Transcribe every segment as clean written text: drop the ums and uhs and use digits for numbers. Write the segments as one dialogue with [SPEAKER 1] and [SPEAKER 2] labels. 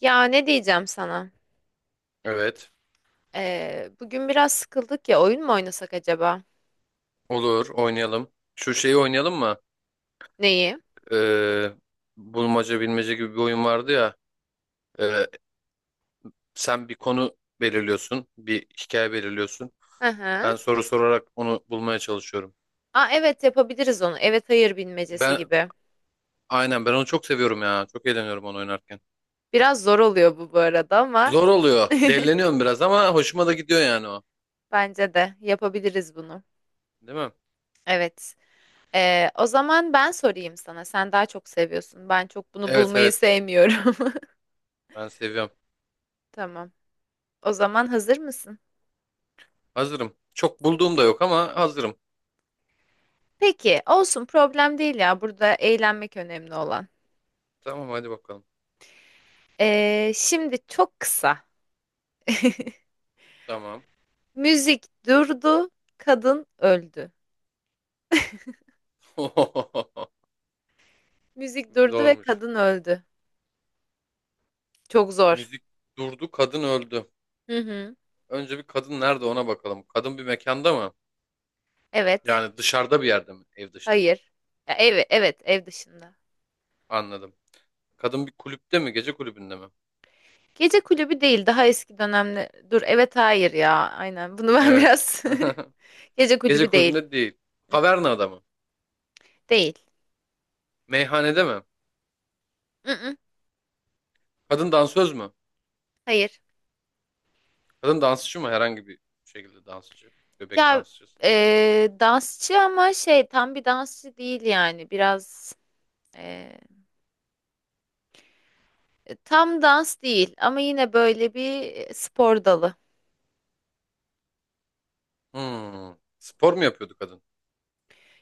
[SPEAKER 1] Ya ne diyeceğim sana?
[SPEAKER 2] Evet.
[SPEAKER 1] Bugün biraz sıkıldık ya, oyun mu oynasak acaba?
[SPEAKER 2] Olur. Oynayalım. Şu şeyi oynayalım mı?
[SPEAKER 1] Neyi?
[SPEAKER 2] Ee, Bulmaca bilmece gibi bir oyun vardı ya. Ee, Sen bir konu belirliyorsun. Bir hikaye belirliyorsun.
[SPEAKER 1] Hı hı.
[SPEAKER 2] Ben soru sorarak onu bulmaya çalışıyorum.
[SPEAKER 1] Aa, evet, yapabiliriz onu. Evet, hayır bilmecesi
[SPEAKER 2] Ben
[SPEAKER 1] gibi.
[SPEAKER 2] aynen ben onu çok seviyorum ya. Çok eğleniyorum onu oynarken.
[SPEAKER 1] Biraz zor oluyor bu arada ama
[SPEAKER 2] Zor oluyor. Delleniyorum biraz ama hoşuma da gidiyor yani o.
[SPEAKER 1] bence de yapabiliriz bunu.
[SPEAKER 2] Değil mi?
[SPEAKER 1] Evet. O zaman ben sorayım sana. Sen daha çok seviyorsun. Ben çok bunu
[SPEAKER 2] Evet,
[SPEAKER 1] bulmayı
[SPEAKER 2] evet.
[SPEAKER 1] sevmiyorum.
[SPEAKER 2] Ben seviyorum.
[SPEAKER 1] Tamam. O zaman hazır mısın?
[SPEAKER 2] Hazırım. Çok bulduğum da yok ama hazırım.
[SPEAKER 1] Peki, olsun, problem değil ya. Burada eğlenmek önemli olan.
[SPEAKER 2] Tamam, hadi bakalım.
[SPEAKER 1] Şimdi çok kısa.
[SPEAKER 2] Tamam.
[SPEAKER 1] Müzik durdu, kadın öldü. Müzik durdu ve
[SPEAKER 2] Zormuş.
[SPEAKER 1] kadın öldü. Çok zor.
[SPEAKER 2] Müzik durdu, kadın öldü.
[SPEAKER 1] Hı hı.
[SPEAKER 2] Önce bir kadın nerede ona bakalım. Kadın bir mekanda mı?
[SPEAKER 1] Evet.
[SPEAKER 2] Yani dışarıda bir yerde mi? Ev dışında.
[SPEAKER 1] Hayır. Ya, ev, evet, ev dışında.
[SPEAKER 2] Anladım. Kadın bir kulüpte mi? Gece kulübünde mi?
[SPEAKER 1] Gece kulübü değil, daha eski dönemde. Dur, evet, hayır ya. Aynen. Bunu ben
[SPEAKER 2] Evet.
[SPEAKER 1] biraz Gece
[SPEAKER 2] Gece
[SPEAKER 1] kulübü değil.
[SPEAKER 2] kulübünde değil.
[SPEAKER 1] Mm-mm.
[SPEAKER 2] Kavernada mı?
[SPEAKER 1] Değil.
[SPEAKER 2] Meyhanede mi?
[SPEAKER 1] Mm-mm.
[SPEAKER 2] Kadın dansöz mü?
[SPEAKER 1] Hayır.
[SPEAKER 2] Kadın dansçı mı? Herhangi bir şekilde dansçı. Bebek
[SPEAKER 1] Ya
[SPEAKER 2] dansçısı değil.
[SPEAKER 1] dansçı ama şey, tam bir dansçı değil yani. Biraz e, tam dans değil ama yine böyle bir spor dalı.
[SPEAKER 2] Hmm. Spor mu yapıyordu kadın?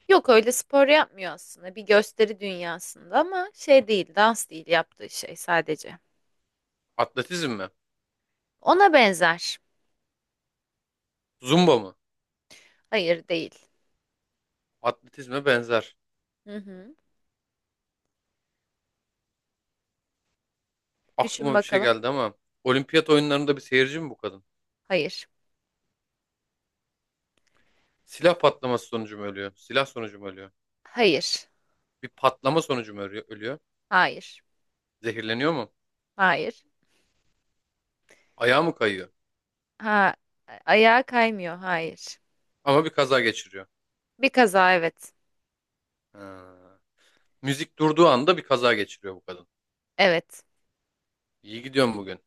[SPEAKER 1] Yok, öyle spor yapmıyor aslında. Bir gösteri dünyasında ama şey değil, dans değil yaptığı şey sadece.
[SPEAKER 2] Atletizm mi?
[SPEAKER 1] Ona benzer.
[SPEAKER 2] Zumba mı?
[SPEAKER 1] Hayır, değil.
[SPEAKER 2] Atletizme benzer.
[SPEAKER 1] Hı hı. Düşün
[SPEAKER 2] Aklıma bir şey
[SPEAKER 1] bakalım.
[SPEAKER 2] geldi ama. Olimpiyat oyunlarında bir seyirci mi bu kadın?
[SPEAKER 1] Hayır.
[SPEAKER 2] Silah patlaması sonucu mu ölüyor? Silah sonucu mu ölüyor?
[SPEAKER 1] Hayır.
[SPEAKER 2] Bir patlama sonucu mu ölüyor? Ölüyor?
[SPEAKER 1] Hayır.
[SPEAKER 2] Zehirleniyor mu?
[SPEAKER 1] Hayır.
[SPEAKER 2] Ayağı mı kayıyor?
[SPEAKER 1] Ha, ayağa kaymıyor. Hayır.
[SPEAKER 2] Ama bir kaza geçiriyor.
[SPEAKER 1] Bir kaza, evet.
[SPEAKER 2] Ha. Müzik durduğu anda bir kaza geçiriyor bu kadın.
[SPEAKER 1] Evet.
[SPEAKER 2] İyi gidiyorum bugün.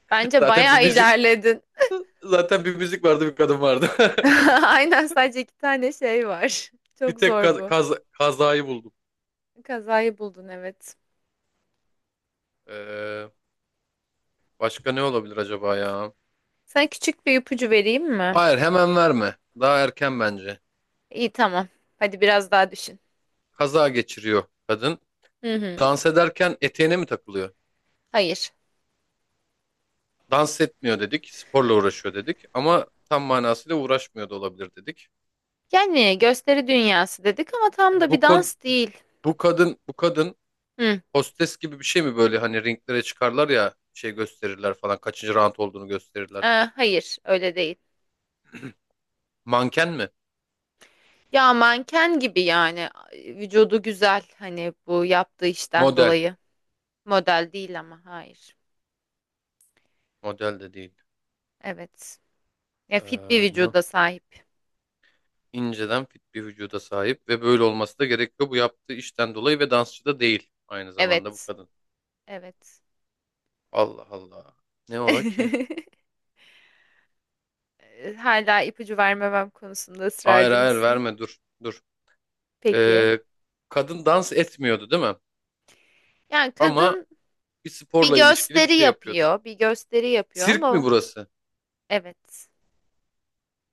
[SPEAKER 1] Bence
[SPEAKER 2] Zaten bir
[SPEAKER 1] bayağı
[SPEAKER 2] müzik
[SPEAKER 1] ilerledin.
[SPEAKER 2] zaten bir müzik vardı, bir kadın vardı.
[SPEAKER 1] Aynen, sadece iki tane şey var.
[SPEAKER 2] Bir
[SPEAKER 1] Çok
[SPEAKER 2] tek
[SPEAKER 1] zor bu.
[SPEAKER 2] kazayı buldum.
[SPEAKER 1] Kazayı buldun, evet.
[SPEAKER 2] Ee, Başka ne olabilir acaba ya?
[SPEAKER 1] Sana küçük bir ipucu vereyim mi?
[SPEAKER 2] Hayır, hemen verme. Daha erken bence.
[SPEAKER 1] İyi, tamam. Hadi biraz daha düşün.
[SPEAKER 2] Kaza geçiriyor kadın.
[SPEAKER 1] Hı hı.
[SPEAKER 2] Dans ederken eteğine mi takılıyor?
[SPEAKER 1] Hayır.
[SPEAKER 2] Dans etmiyor dedik, sporla uğraşıyor dedik ama tam manasıyla uğraşmıyor da olabilir dedik.
[SPEAKER 1] Yani gösteri dünyası dedik ama tam da bir
[SPEAKER 2] Bu kod,
[SPEAKER 1] dans değil.
[SPEAKER 2] bu kadın,
[SPEAKER 1] Hı,
[SPEAKER 2] hostes gibi bir şey mi, böyle hani ringlere çıkarlar ya şey gösterirler falan, kaçıncı round olduğunu gösterirler.
[SPEAKER 1] e, hayır, öyle değil.
[SPEAKER 2] Manken mi?
[SPEAKER 1] Ya manken gibi yani, vücudu güzel hani bu yaptığı işten
[SPEAKER 2] Model.
[SPEAKER 1] dolayı. Model değil ama, hayır.
[SPEAKER 2] Model de değil.
[SPEAKER 1] Evet. Ya,
[SPEAKER 2] Ee,
[SPEAKER 1] fit bir
[SPEAKER 2] Ne o?
[SPEAKER 1] vücuda sahip.
[SPEAKER 2] İnceden fit bir vücuda sahip ve böyle olması da gerekiyor bu yaptığı işten dolayı ve dansçı da değil aynı zamanda bu
[SPEAKER 1] Evet.
[SPEAKER 2] kadın.
[SPEAKER 1] Evet.
[SPEAKER 2] Allah Allah. Ne ola ki?
[SPEAKER 1] Hala ipucu vermemem konusunda
[SPEAKER 2] Hayır,
[SPEAKER 1] ısrarcı
[SPEAKER 2] hayır,
[SPEAKER 1] mısın?
[SPEAKER 2] verme, dur.
[SPEAKER 1] Peki.
[SPEAKER 2] Ee, Kadın dans etmiyordu değil mi?
[SPEAKER 1] Yani
[SPEAKER 2] Ama
[SPEAKER 1] kadın
[SPEAKER 2] bir
[SPEAKER 1] bir
[SPEAKER 2] sporla ilişkili bir
[SPEAKER 1] gösteri
[SPEAKER 2] şey yapıyordu.
[SPEAKER 1] yapıyor, bir gösteri yapıyor
[SPEAKER 2] Sirk mi
[SPEAKER 1] ama
[SPEAKER 2] burası?
[SPEAKER 1] evet.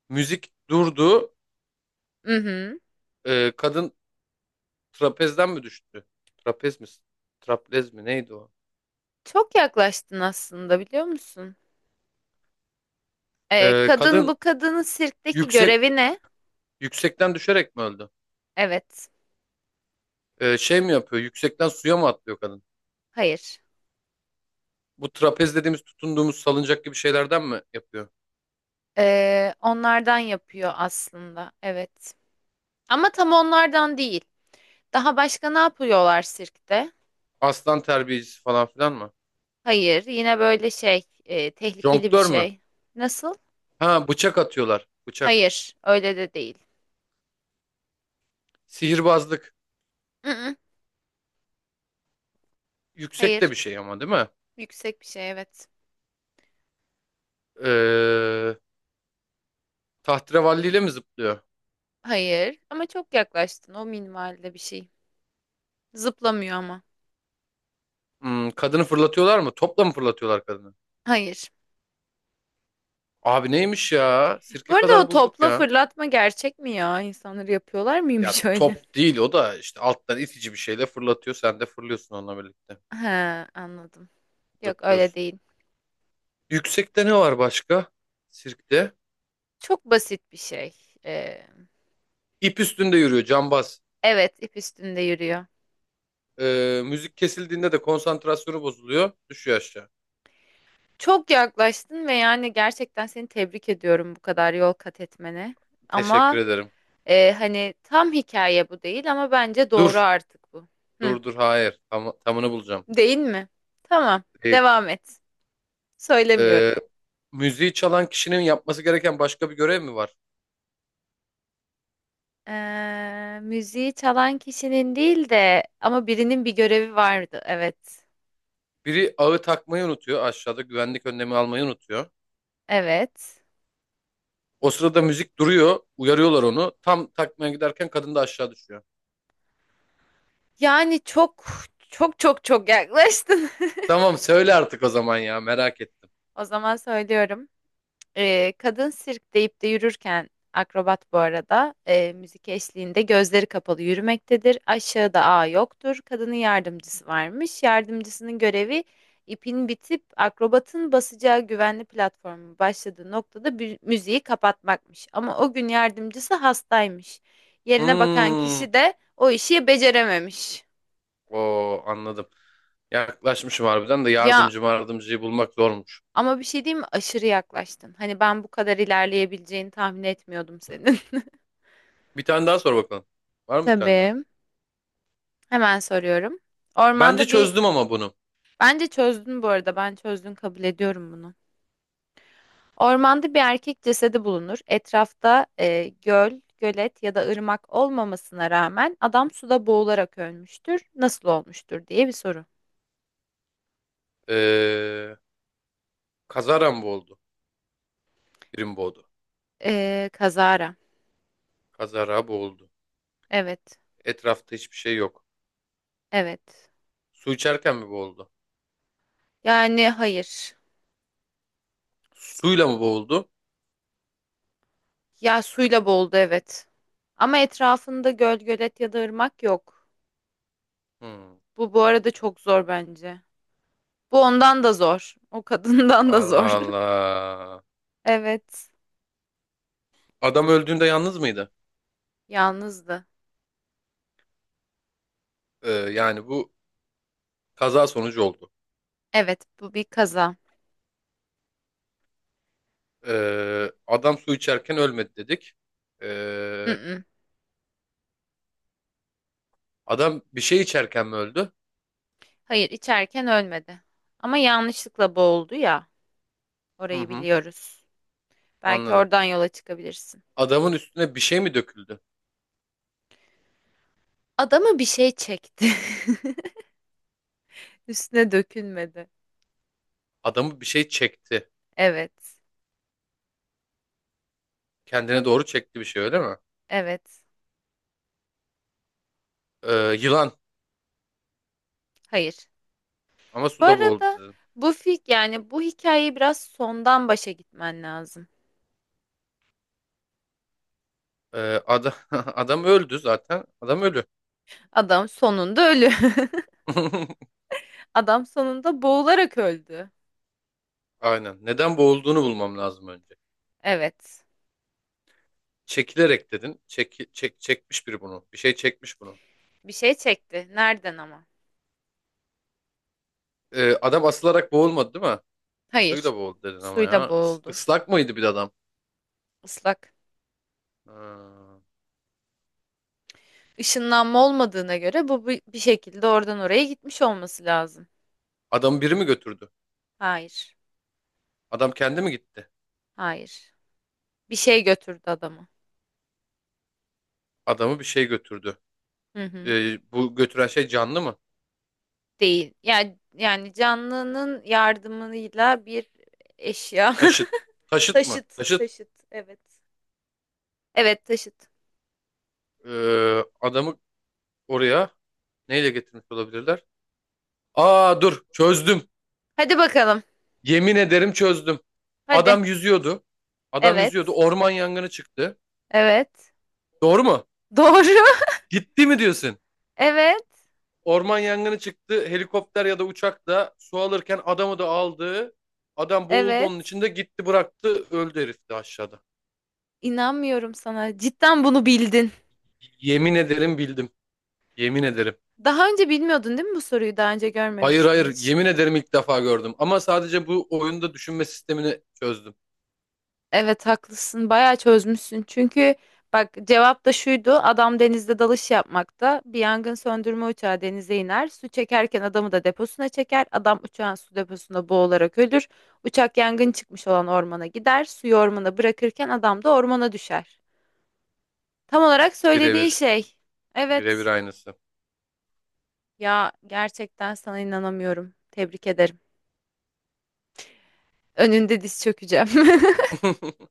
[SPEAKER 2] Müzik durdu.
[SPEAKER 1] Mhm.
[SPEAKER 2] Kadın trapezden mi düştü? Trapez mi? Traplez mi? Neydi o?
[SPEAKER 1] Çok yaklaştın aslında, biliyor musun?
[SPEAKER 2] Ee,
[SPEAKER 1] Kadın,
[SPEAKER 2] kadın
[SPEAKER 1] bu kadının sirkteki
[SPEAKER 2] yüksek
[SPEAKER 1] görevi ne?
[SPEAKER 2] yüksekten düşerek mi öldü?
[SPEAKER 1] Evet.
[SPEAKER 2] Şey mi yapıyor? Yüksekten suya mı atlıyor kadın?
[SPEAKER 1] Hayır.
[SPEAKER 2] Bu trapez dediğimiz tutunduğumuz salıncak gibi şeylerden mi yapıyor?
[SPEAKER 1] Onlardan yapıyor aslında. Evet. Ama tam onlardan değil. Daha başka ne yapıyorlar sirkte?
[SPEAKER 2] Aslan terbiyecisi falan filan mı?
[SPEAKER 1] Hayır. Yine böyle şey, tehlikeli bir
[SPEAKER 2] Jonglör mü?
[SPEAKER 1] şey. Nasıl?
[SPEAKER 2] Ha, bıçak atıyorlar. Bıçak.
[SPEAKER 1] Hayır. Öyle de değil.
[SPEAKER 2] Sihirbazlık.
[SPEAKER 1] Mm-mm,
[SPEAKER 2] Yüksek de
[SPEAKER 1] hayır.
[SPEAKER 2] bir şey ama değil mi?
[SPEAKER 1] Yüksek bir şey, evet.
[SPEAKER 2] Ee, Tahterevalliyle mi zıplıyor?
[SPEAKER 1] Hayır. Ama çok yaklaştın. O minvalde bir şey. Zıplamıyor ama.
[SPEAKER 2] Hmm, kadını fırlatıyorlar mı? Topla mı fırlatıyorlar kadını?
[SPEAKER 1] Hayır.
[SPEAKER 2] Abi neymiş ya?
[SPEAKER 1] Bu
[SPEAKER 2] Sirke
[SPEAKER 1] arada, o
[SPEAKER 2] kadar bulduk
[SPEAKER 1] topla
[SPEAKER 2] ya.
[SPEAKER 1] fırlatma gerçek mi ya? İnsanları yapıyorlar
[SPEAKER 2] Ya
[SPEAKER 1] mıymış öyle?
[SPEAKER 2] top değil o da işte alttan itici bir şeyle fırlatıyor. Sen de fırlıyorsun onunla birlikte.
[SPEAKER 1] He, anladım. Yok, öyle
[SPEAKER 2] Zıplıyorsun.
[SPEAKER 1] değil.
[SPEAKER 2] Yüksekte ne var başka? Sirkte.
[SPEAKER 1] Çok basit bir şey. Ee,
[SPEAKER 2] İp üstünde yürüyor cambaz.
[SPEAKER 1] evet, ip üstünde yürüyor.
[SPEAKER 2] Müzik kesildiğinde de konsantrasyonu bozuluyor. Düşüyor aşağı.
[SPEAKER 1] Çok yaklaştın ve yani gerçekten seni tebrik ediyorum bu kadar yol kat etmene.
[SPEAKER 2] Teşekkür
[SPEAKER 1] Ama
[SPEAKER 2] ederim.
[SPEAKER 1] hani tam hikaye bu değil ama bence doğru
[SPEAKER 2] Dur.
[SPEAKER 1] artık bu. Hı,
[SPEAKER 2] Dur dur, hayır. Tamını bulacağım.
[SPEAKER 1] değil mi? Tamam,
[SPEAKER 2] Değil.
[SPEAKER 1] devam et. Söylemiyorum.
[SPEAKER 2] Ee, Müziği çalan kişinin yapması gereken başka bir görev mi var?
[SPEAKER 1] Müziği çalan kişinin değil de ama birinin bir görevi vardı. Evet.
[SPEAKER 2] Biri ağı takmayı unutuyor, aşağıda güvenlik önlemi almayı unutuyor.
[SPEAKER 1] Evet.
[SPEAKER 2] O sırada müzik duruyor, uyarıyorlar onu. Tam takmaya giderken kadın da aşağı düşüyor.
[SPEAKER 1] Yani çok yaklaştın.
[SPEAKER 2] Tamam söyle artık o zaman ya, merak ettim.
[SPEAKER 1] O zaman söylüyorum. Kadın sirk deyip de yürürken akrobat bu arada, müzik eşliğinde gözleri kapalı yürümektedir. Aşağıda ağ yoktur. Kadının yardımcısı varmış. Yardımcısının görevi, ipin bitip akrobatın basacağı güvenli platformun başladığı noktada müziği kapatmakmış. Ama o gün yardımcısı hastaymış. Yerine bakan
[SPEAKER 2] Hmm.
[SPEAKER 1] kişi de o işi becerememiş.
[SPEAKER 2] Oo, anladım. Yaklaşmışım harbiden de
[SPEAKER 1] Ya
[SPEAKER 2] yardımcıyı bulmak zormuş.
[SPEAKER 1] ama bir şey diyeyim mi? Aşırı yaklaştın. Hani ben bu kadar ilerleyebileceğini tahmin etmiyordum senin.
[SPEAKER 2] Bir tane daha sor bakalım. Var mı bir tane daha?
[SPEAKER 1] Tabii. Hemen soruyorum.
[SPEAKER 2] Bence
[SPEAKER 1] Ormanda bir...
[SPEAKER 2] çözdüm ama bunu.
[SPEAKER 1] Bence çözdün bu arada. Ben çözdün kabul ediyorum bunu. Ormanda bir erkek cesedi bulunur. Etrafta göl, gölet ya da ırmak olmamasına rağmen adam suda boğularak ölmüştür. Nasıl olmuştur diye bir soru.
[SPEAKER 2] Ee, Kazara mı boğuldu? Biri mi boğdu?
[SPEAKER 1] E, kazara.
[SPEAKER 2] Kazara boğuldu.
[SPEAKER 1] Evet.
[SPEAKER 2] Etrafta hiçbir şey yok.
[SPEAKER 1] Evet.
[SPEAKER 2] Su içerken mi boğuldu?
[SPEAKER 1] Yani hayır.
[SPEAKER 2] Suyla mı boğuldu?
[SPEAKER 1] Ya, suyla boğuldu, evet. Ama etrafında göl, gölet ya da ırmak yok.
[SPEAKER 2] Hmm.
[SPEAKER 1] Bu arada çok zor bence. Bu ondan da zor. O kadından da
[SPEAKER 2] Allah
[SPEAKER 1] zor.
[SPEAKER 2] Allah.
[SPEAKER 1] Evet,
[SPEAKER 2] Adam öldüğünde yalnız mıydı?
[SPEAKER 1] yalnızdı.
[SPEAKER 2] Yani bu kaza sonucu oldu.
[SPEAKER 1] Evet, bu bir kaza.
[SPEAKER 2] Adam su içerken ölmedi dedik. Ee,
[SPEAKER 1] Mm-mm.
[SPEAKER 2] Adam bir şey içerken mi öldü?
[SPEAKER 1] Hayır, içerken ölmedi. Ama yanlışlıkla boğuldu ya.
[SPEAKER 2] Hı
[SPEAKER 1] Orayı
[SPEAKER 2] hı,
[SPEAKER 1] biliyoruz. Belki
[SPEAKER 2] anladım.
[SPEAKER 1] oradan yola çıkabilirsin.
[SPEAKER 2] Adamın üstüne bir şey mi döküldü?
[SPEAKER 1] Adamı bir şey çekti. Üstüne dökülmedi.
[SPEAKER 2] Adamı bir şey çekti.
[SPEAKER 1] Evet,
[SPEAKER 2] Kendine doğru çekti bir şey öyle mi?
[SPEAKER 1] evet.
[SPEAKER 2] Ee, Yılan
[SPEAKER 1] Hayır.
[SPEAKER 2] ama
[SPEAKER 1] Bu
[SPEAKER 2] suda boğuldu
[SPEAKER 1] arada,
[SPEAKER 2] dedim.
[SPEAKER 1] bu fik yani bu hikayeyi biraz sondan başa gitmen lazım.
[SPEAKER 2] Ee, Adam öldü zaten. Adam ölü.
[SPEAKER 1] Adam sonunda ölü. Adam sonunda boğularak öldü.
[SPEAKER 2] Aynen. Neden boğulduğunu bulmam lazım önce.
[SPEAKER 1] Evet.
[SPEAKER 2] Çekilerek dedin. Çekmiş biri bunu. Bir şey çekmiş bunu.
[SPEAKER 1] Bir şey çekti. Nereden ama?
[SPEAKER 2] Adam asılarak boğulmadı değil mi?
[SPEAKER 1] Hayır.
[SPEAKER 2] Suyla boğuldu dedin ama ya.
[SPEAKER 1] Suyla boğuldu.
[SPEAKER 2] Islak mıydı bir de adam?
[SPEAKER 1] Islak.
[SPEAKER 2] Ha.
[SPEAKER 1] Işınlanma olmadığına göre bu bir şekilde oradan oraya gitmiş olması lazım.
[SPEAKER 2] Adamı biri mi götürdü?
[SPEAKER 1] Hayır.
[SPEAKER 2] Adam kendi mi gitti?
[SPEAKER 1] Hayır. Bir şey götürdü adamı.
[SPEAKER 2] Adamı bir şey götürdü.
[SPEAKER 1] Hı hı.
[SPEAKER 2] Bu götüren şey canlı mı?
[SPEAKER 1] Değil. Yani canlının yardımıyla bir eşya.
[SPEAKER 2] Taşıt. Taşıt mı?
[SPEAKER 1] Taşıt,
[SPEAKER 2] Taşıt.
[SPEAKER 1] taşıt, evet. Evet, taşıt.
[SPEAKER 2] Adamı oraya neyle getirmiş olabilirler? Aa dur, çözdüm.
[SPEAKER 1] Hadi bakalım.
[SPEAKER 2] Yemin ederim çözdüm.
[SPEAKER 1] Hadi.
[SPEAKER 2] Adam yüzüyordu. Adam yüzüyordu.
[SPEAKER 1] Evet.
[SPEAKER 2] Orman yangını çıktı.
[SPEAKER 1] Evet.
[SPEAKER 2] Doğru mu?
[SPEAKER 1] Doğru.
[SPEAKER 2] Gitti mi diyorsun?
[SPEAKER 1] Evet.
[SPEAKER 2] Orman yangını çıktı. Helikopter ya da uçak da su alırken adamı da aldı. Adam boğuldu, onun
[SPEAKER 1] Evet.
[SPEAKER 2] içinde gitti bıraktı. Öldü herif de aşağıda.
[SPEAKER 1] İnanmıyorum sana. Cidden bunu bildin.
[SPEAKER 2] Yemin ederim bildim. Yemin ederim.
[SPEAKER 1] Daha önce bilmiyordun değil mi bu soruyu? Daha önce
[SPEAKER 2] Hayır,
[SPEAKER 1] görmemiştin
[SPEAKER 2] hayır,
[SPEAKER 1] hiç.
[SPEAKER 2] yemin ederim ilk defa gördüm. Ama sadece bu oyunda düşünme sistemini çözdüm.
[SPEAKER 1] Evet, haklısın. Bayağı çözmüşsün. Çünkü bak, cevap da şuydu. Adam denizde dalış yapmakta. Bir yangın söndürme uçağı denize iner. Su çekerken adamı da deposuna çeker. Adam uçağın su deposunda boğularak ölür. Uçak yangın çıkmış olan ormana gider. Suyu ormana bırakırken adam da ormana düşer. Tam olarak söylediğin
[SPEAKER 2] Birebir.
[SPEAKER 1] şey.
[SPEAKER 2] Birebir
[SPEAKER 1] Evet.
[SPEAKER 2] aynısı.
[SPEAKER 1] Ya gerçekten sana inanamıyorum. Tebrik ederim. Önünde diz çökeceğim.